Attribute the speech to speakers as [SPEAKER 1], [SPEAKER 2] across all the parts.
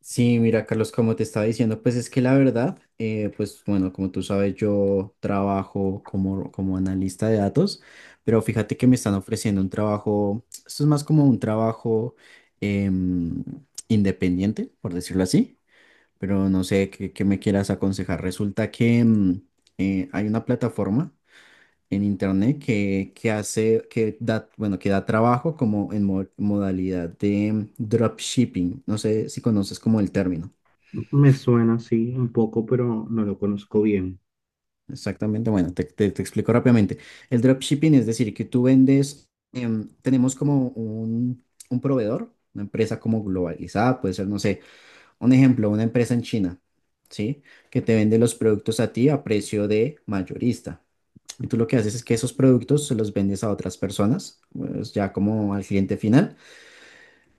[SPEAKER 1] Sí, mira, Carlos, como te estaba diciendo, pues es que la verdad, pues bueno, como tú sabes, yo trabajo como analista de datos, pero fíjate que me están ofreciendo un trabajo, esto es más como un trabajo em, independiente, por decirlo así, pero no sé qué me quieras aconsejar. Resulta que hay una plataforma en internet que hace, que da trabajo como en modalidad de dropshipping, no sé si conoces como el término.
[SPEAKER 2] Me suena así un poco, pero no lo conozco bien.
[SPEAKER 1] Exactamente, bueno, te explico rápidamente. El dropshipping es decir, que tú vendes, tenemos como un proveedor, una empresa como globalizada, puede ser, no sé, un ejemplo, una empresa en China, ¿sí? Que te vende los productos a ti a precio de mayorista. Y tú lo que haces es que esos productos se los vendes a otras personas, pues ya como al cliente final.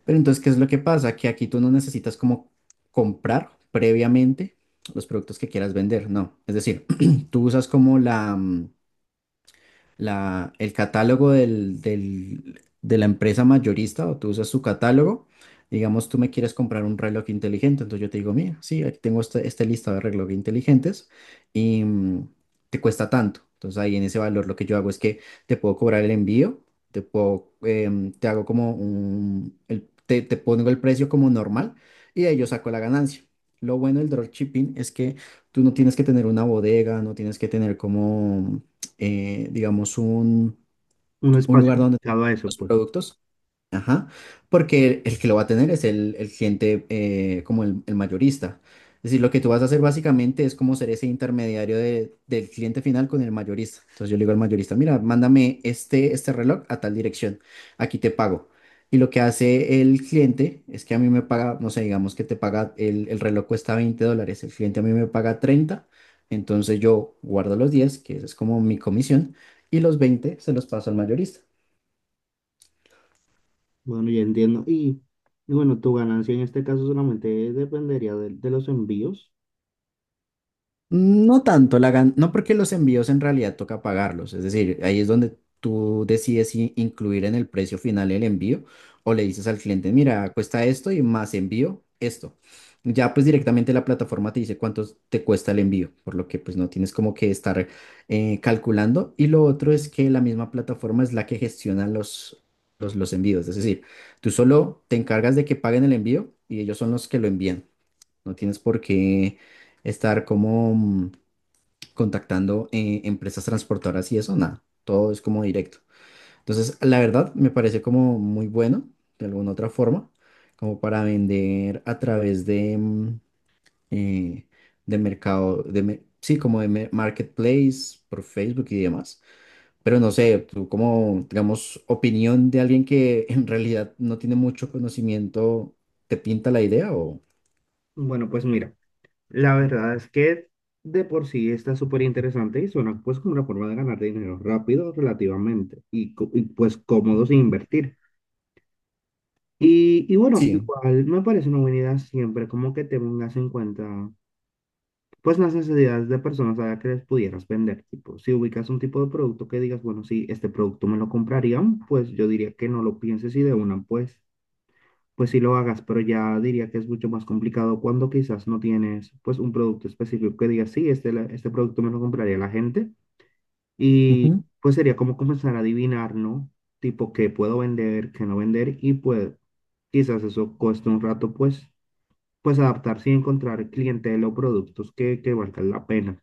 [SPEAKER 1] Pero entonces, ¿qué es lo que pasa? Que aquí tú no necesitas como comprar previamente los productos que quieras vender, no. Es decir, tú usas como el catálogo de la empresa mayorista o tú usas su catálogo. Digamos, tú me quieres comprar un reloj inteligente, entonces yo te digo, mira, sí, aquí tengo este listado de relojes inteligentes y te cuesta tanto. Entonces ahí en ese valor lo que yo hago es que te puedo cobrar el envío, te hago como te pongo el precio como normal y de ahí yo saco la ganancia. Lo bueno del dropshipping es que tú no tienes que tener una bodega, no tienes que tener como digamos,
[SPEAKER 2] Un
[SPEAKER 1] un
[SPEAKER 2] espacio
[SPEAKER 1] lugar donde
[SPEAKER 2] dedicado a eso,
[SPEAKER 1] los
[SPEAKER 2] pues.
[SPEAKER 1] productos. Ajá, porque el que lo va a tener es el cliente como el mayorista. Es decir, lo que tú vas a hacer básicamente es como ser ese intermediario del cliente final con el mayorista. Entonces yo le digo al mayorista, mira, mándame este reloj a tal dirección, aquí te pago. Y lo que hace el cliente es que a mí me paga, no sé, digamos que te paga, el reloj cuesta $20, el cliente a mí me paga 30, entonces yo guardo los 10 que esa es como mi comisión, y los 20 se los paso al mayorista.
[SPEAKER 2] Bueno, ya entiendo. Y bueno, tu ganancia en este caso solamente dependería de los envíos.
[SPEAKER 1] No tanto, no porque los envíos en realidad toca pagarlos, es decir, ahí es donde tú decides si incluir en el precio final el envío o le dices al cliente, mira, cuesta esto y más envío esto. Ya pues directamente la plataforma te dice cuánto te cuesta el envío, por lo que pues no tienes como que estar calculando. Y lo otro es que la misma plataforma es la que gestiona los envíos, es decir, tú solo te encargas de que paguen el envío y ellos son los que lo envían. No tienes por qué estar como contactando empresas transportadoras y eso, nada. Todo es como directo. Entonces, la verdad, me parece como muy bueno, de alguna otra forma, como para vender a través eh, de mercado, sí, como de marketplace, por Facebook y demás. Pero no sé, tú como, digamos, opinión de alguien que en realidad no tiene mucho conocimiento, ¿te pinta la idea o...?
[SPEAKER 2] Bueno, pues mira, la verdad es que de por sí está súper interesante y suena pues como una forma de ganar dinero rápido relativamente y, pues cómodo sin
[SPEAKER 1] Ujú.
[SPEAKER 2] invertir. Y bueno,
[SPEAKER 1] Sí.
[SPEAKER 2] igual me parece una buena idea siempre como que te tengas en cuenta pues las necesidades de personas a las que les pudieras vender. Tipo, si ubicas un tipo de producto que digas, bueno, si este producto me lo comprarían, pues yo diría que no lo pienses y de una, pues, pues sí lo hagas, pero ya diría que es mucho más complicado cuando quizás no tienes, pues, un producto específico que digas, sí, este, este producto me lo compraría la gente. Y pues sería como comenzar a adivinar, ¿no? Tipo, qué puedo vender, qué no vender y pues quizás eso cueste un rato, pues, pues adaptarse y encontrar clientela o productos que valgan la pena.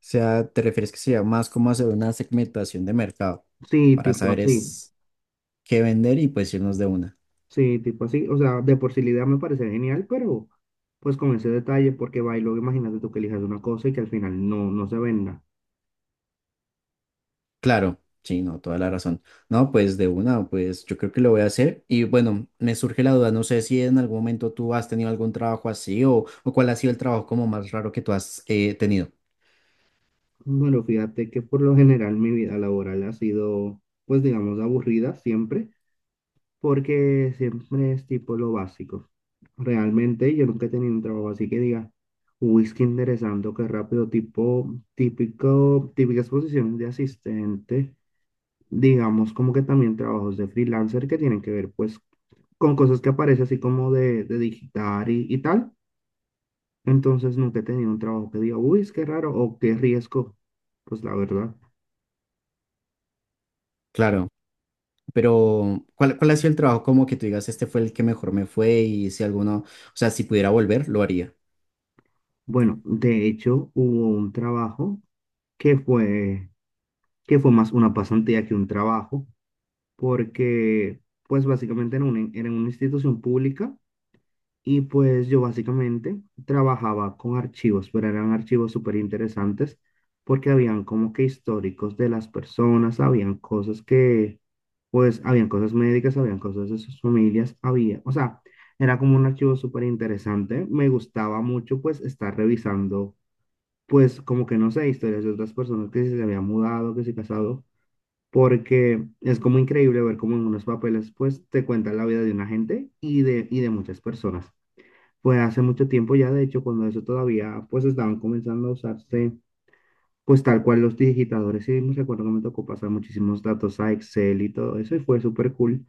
[SPEAKER 1] Sea, ¿te refieres que sea más como hacer una segmentación de mercado
[SPEAKER 2] Sí,
[SPEAKER 1] para
[SPEAKER 2] tipo
[SPEAKER 1] saber
[SPEAKER 2] así.
[SPEAKER 1] es qué vender y pues irnos de una?
[SPEAKER 2] Sí, tipo así. O sea, de por sí la idea me parece genial, pero pues con ese detalle, porque va y luego imagínate tú que elijas una cosa y que al final no, no se venda.
[SPEAKER 1] Claro, sí, no, toda la razón. No, pues de una, pues yo creo que lo voy a hacer. Y bueno, me surge la duda, no sé si en algún momento tú has tenido algún trabajo así o cuál ha sido el trabajo como más raro que tú has tenido.
[SPEAKER 2] Bueno, fíjate que por lo general mi vida laboral ha sido, pues digamos, aburrida siempre, porque siempre es tipo lo básico. Realmente yo nunca he tenido un trabajo así que diga, uy, qué interesante, qué rápido, tipo, típico, típicas posiciones de asistente, digamos, como que también trabajos de freelancer que tienen que ver pues con cosas que aparece así como de digitar y tal. Entonces nunca he tenido un trabajo que diga, uy, es que raro o qué riesgo. Pues la verdad.
[SPEAKER 1] Claro, pero ¿cuál ha sido el trabajo como que tú digas, este fue el que mejor me fue y si alguno, o sea, si pudiera volver, lo haría?
[SPEAKER 2] Bueno, de hecho hubo un trabajo que fue, que fue más una pasantía que un trabajo, porque pues básicamente era una institución pública. Y pues yo básicamente trabajaba con archivos, pero eran archivos súper interesantes, porque habían como que históricos de las personas, habían cosas que, pues, habían cosas médicas, habían cosas de sus familias, había, o sea, era como un archivo súper interesante. Me gustaba mucho, pues, estar revisando, pues, como que no sé, historias de otras personas que si se habían mudado, que se casado, porque es como increíble ver cómo en unos papeles, pues, te cuentan la vida de una gente y y de muchas personas, pues hace mucho tiempo ya. De hecho, cuando eso todavía, pues estaban comenzando a usarse, pues tal cual los digitadores, y me recuerdo que me tocó pasar muchísimos datos a Excel y todo eso, y fue súper cool,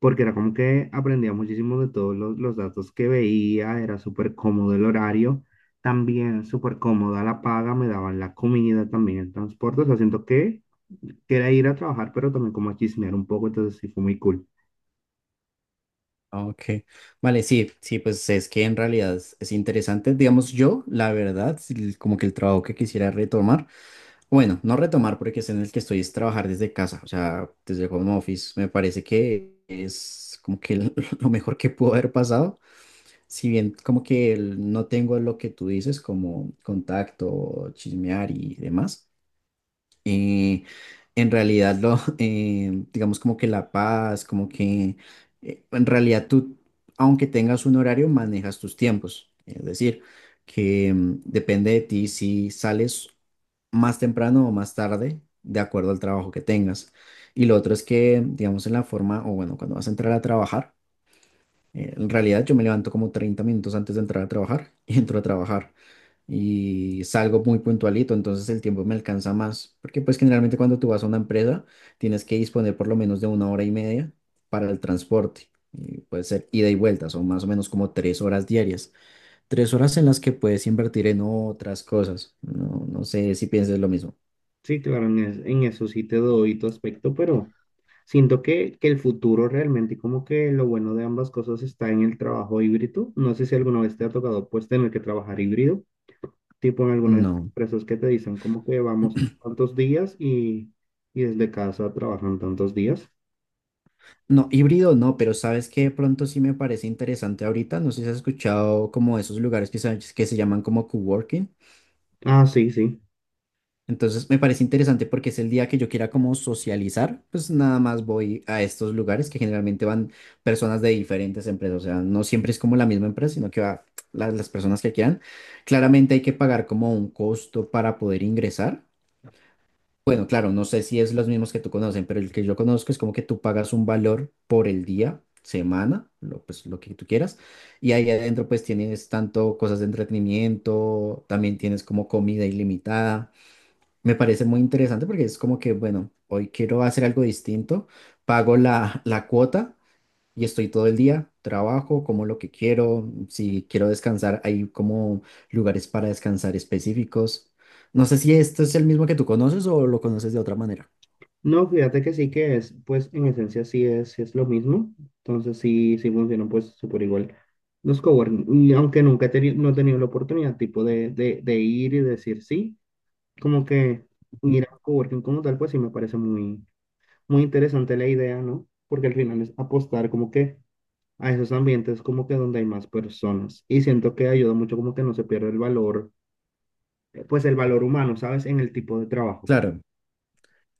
[SPEAKER 2] porque era como que aprendía muchísimo de todos los datos que veía, era súper cómodo el horario, también súper cómoda la paga, me daban la comida, también el transporte, o sea, siento que era ir a trabajar, pero también como a chismear un poco, entonces sí fue muy cool.
[SPEAKER 1] Ok, vale, sí, sí, pues es que en realidad es interesante, digamos yo, la verdad, sí, como que el trabajo que quisiera retomar, bueno, no retomar porque es en el que estoy es trabajar desde casa, o sea, desde home office, me parece que es como que lo mejor que pudo haber pasado, si bien como que no tengo lo que tú dices como contacto, chismear y demás eh, en realidad digamos como que la paz, como que en realidad tú, aunque tengas un horario, manejas tus tiempos. Es decir, que depende de ti si sales más temprano o más tarde, de acuerdo al trabajo que tengas. Y lo otro es que, digamos, en la forma, o bueno, cuando vas a entrar a trabajar, en realidad yo me levanto como 30 minutos antes de entrar a trabajar y entro a trabajar y salgo muy puntualito, entonces el tiempo me alcanza más, porque pues generalmente cuando tú vas a una empresa tienes que disponer por lo menos de una hora y media para el transporte, y puede ser ida y vuelta, son más o menos como 3 horas diarias, 3 horas en las que puedes invertir en otras cosas, no, no sé si pienses lo mismo.
[SPEAKER 2] Sí, claro, en eso sí te doy tu aspecto, pero siento que el futuro realmente, como que lo bueno de ambas cosas está en el trabajo híbrido. No sé si alguna vez te ha tocado pues tener que trabajar híbrido, tipo en algunas
[SPEAKER 1] No,
[SPEAKER 2] empresas que te dicen como que vamos tantos días y desde casa trabajan tantos días.
[SPEAKER 1] no, híbrido no, pero sabes que de pronto sí me parece interesante ahorita, no sé si has escuchado como esos lugares que se llaman como coworking.
[SPEAKER 2] Ah, sí, sí.
[SPEAKER 1] Entonces me parece interesante porque es el día que yo quiera como socializar, pues nada más voy a estos lugares que generalmente van personas de diferentes empresas, o sea, no siempre es como la misma empresa, sino que va las personas que quieran. Claramente hay que pagar como un costo para poder ingresar. Bueno, claro, no sé si es los mismos que tú conocen, pero el que yo conozco es como que tú pagas un valor por el día, semana, pues lo que tú quieras, y ahí adentro pues tienes tanto cosas de entretenimiento, también tienes como comida ilimitada. Me parece muy interesante porque es como que, bueno, hoy quiero hacer algo distinto, pago la cuota y estoy todo el día, trabajo como lo que quiero, si quiero descansar, hay como lugares para descansar específicos. No sé si esto es el mismo que tú conoces o lo conoces de otra manera.
[SPEAKER 2] No, fíjate que sí que es, pues en esencia sí es lo mismo, entonces sí, sí funcionan pues súper igual los coworking, y aunque nunca he teni- no he tenido la oportunidad tipo de, ir y decir sí, como que
[SPEAKER 1] Ujú.
[SPEAKER 2] ir a coworking como tal, pues sí me parece muy, muy interesante la idea, ¿no? Porque al final es apostar como que a esos ambientes como que donde hay más personas y siento que ayuda mucho como que no se pierde el valor, pues el valor humano, ¿sabes? En el tipo de trabajo.
[SPEAKER 1] Claro,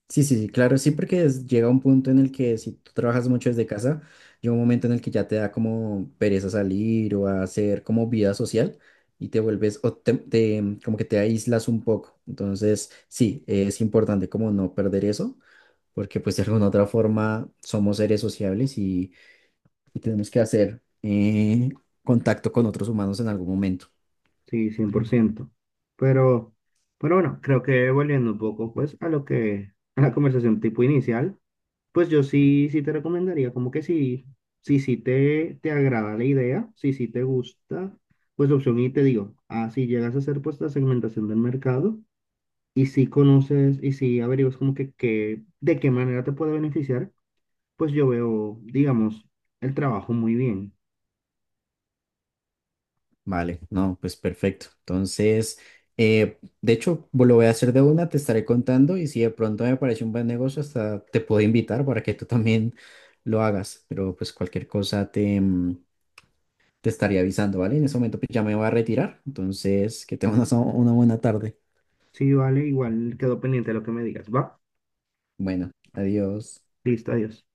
[SPEAKER 1] sí, sí, sí, claro, sí, porque llega un punto en el que si tú trabajas mucho desde casa, llega un momento en el que ya te da como pereza salir o a hacer como vida social y te vuelves, como que te aíslas un poco. Entonces, sí, es importante como no perder eso, porque pues de alguna u otra forma somos seres sociables y tenemos que hacer contacto con otros humanos en algún momento.
[SPEAKER 2] Sí, 100%. Pero, pero bueno, creo que volviendo un poco pues a lo que, a la conversación tipo inicial, pues yo sí, sí te recomendaría como que sí, sí, sí te agrada la idea, sí, sí te gusta, pues la opción y te digo, así llegas a hacer pues la segmentación del mercado y si conoces y si averiguas como que de qué manera te puede beneficiar, pues yo veo, digamos, el trabajo muy bien.
[SPEAKER 1] Vale, no, pues perfecto. Entonces, de hecho, lo voy a hacer de una, te estaré contando y si de pronto me parece un buen negocio, hasta te puedo invitar para que tú también lo hagas, pero pues cualquier cosa te estaré avisando, ¿vale? En ese momento pues, ya me voy a retirar, entonces que tengas una buena tarde.
[SPEAKER 2] Sí, vale, igual quedo pendiente de lo que me digas, ¿va?
[SPEAKER 1] Bueno, adiós.
[SPEAKER 2] Listo, adiós.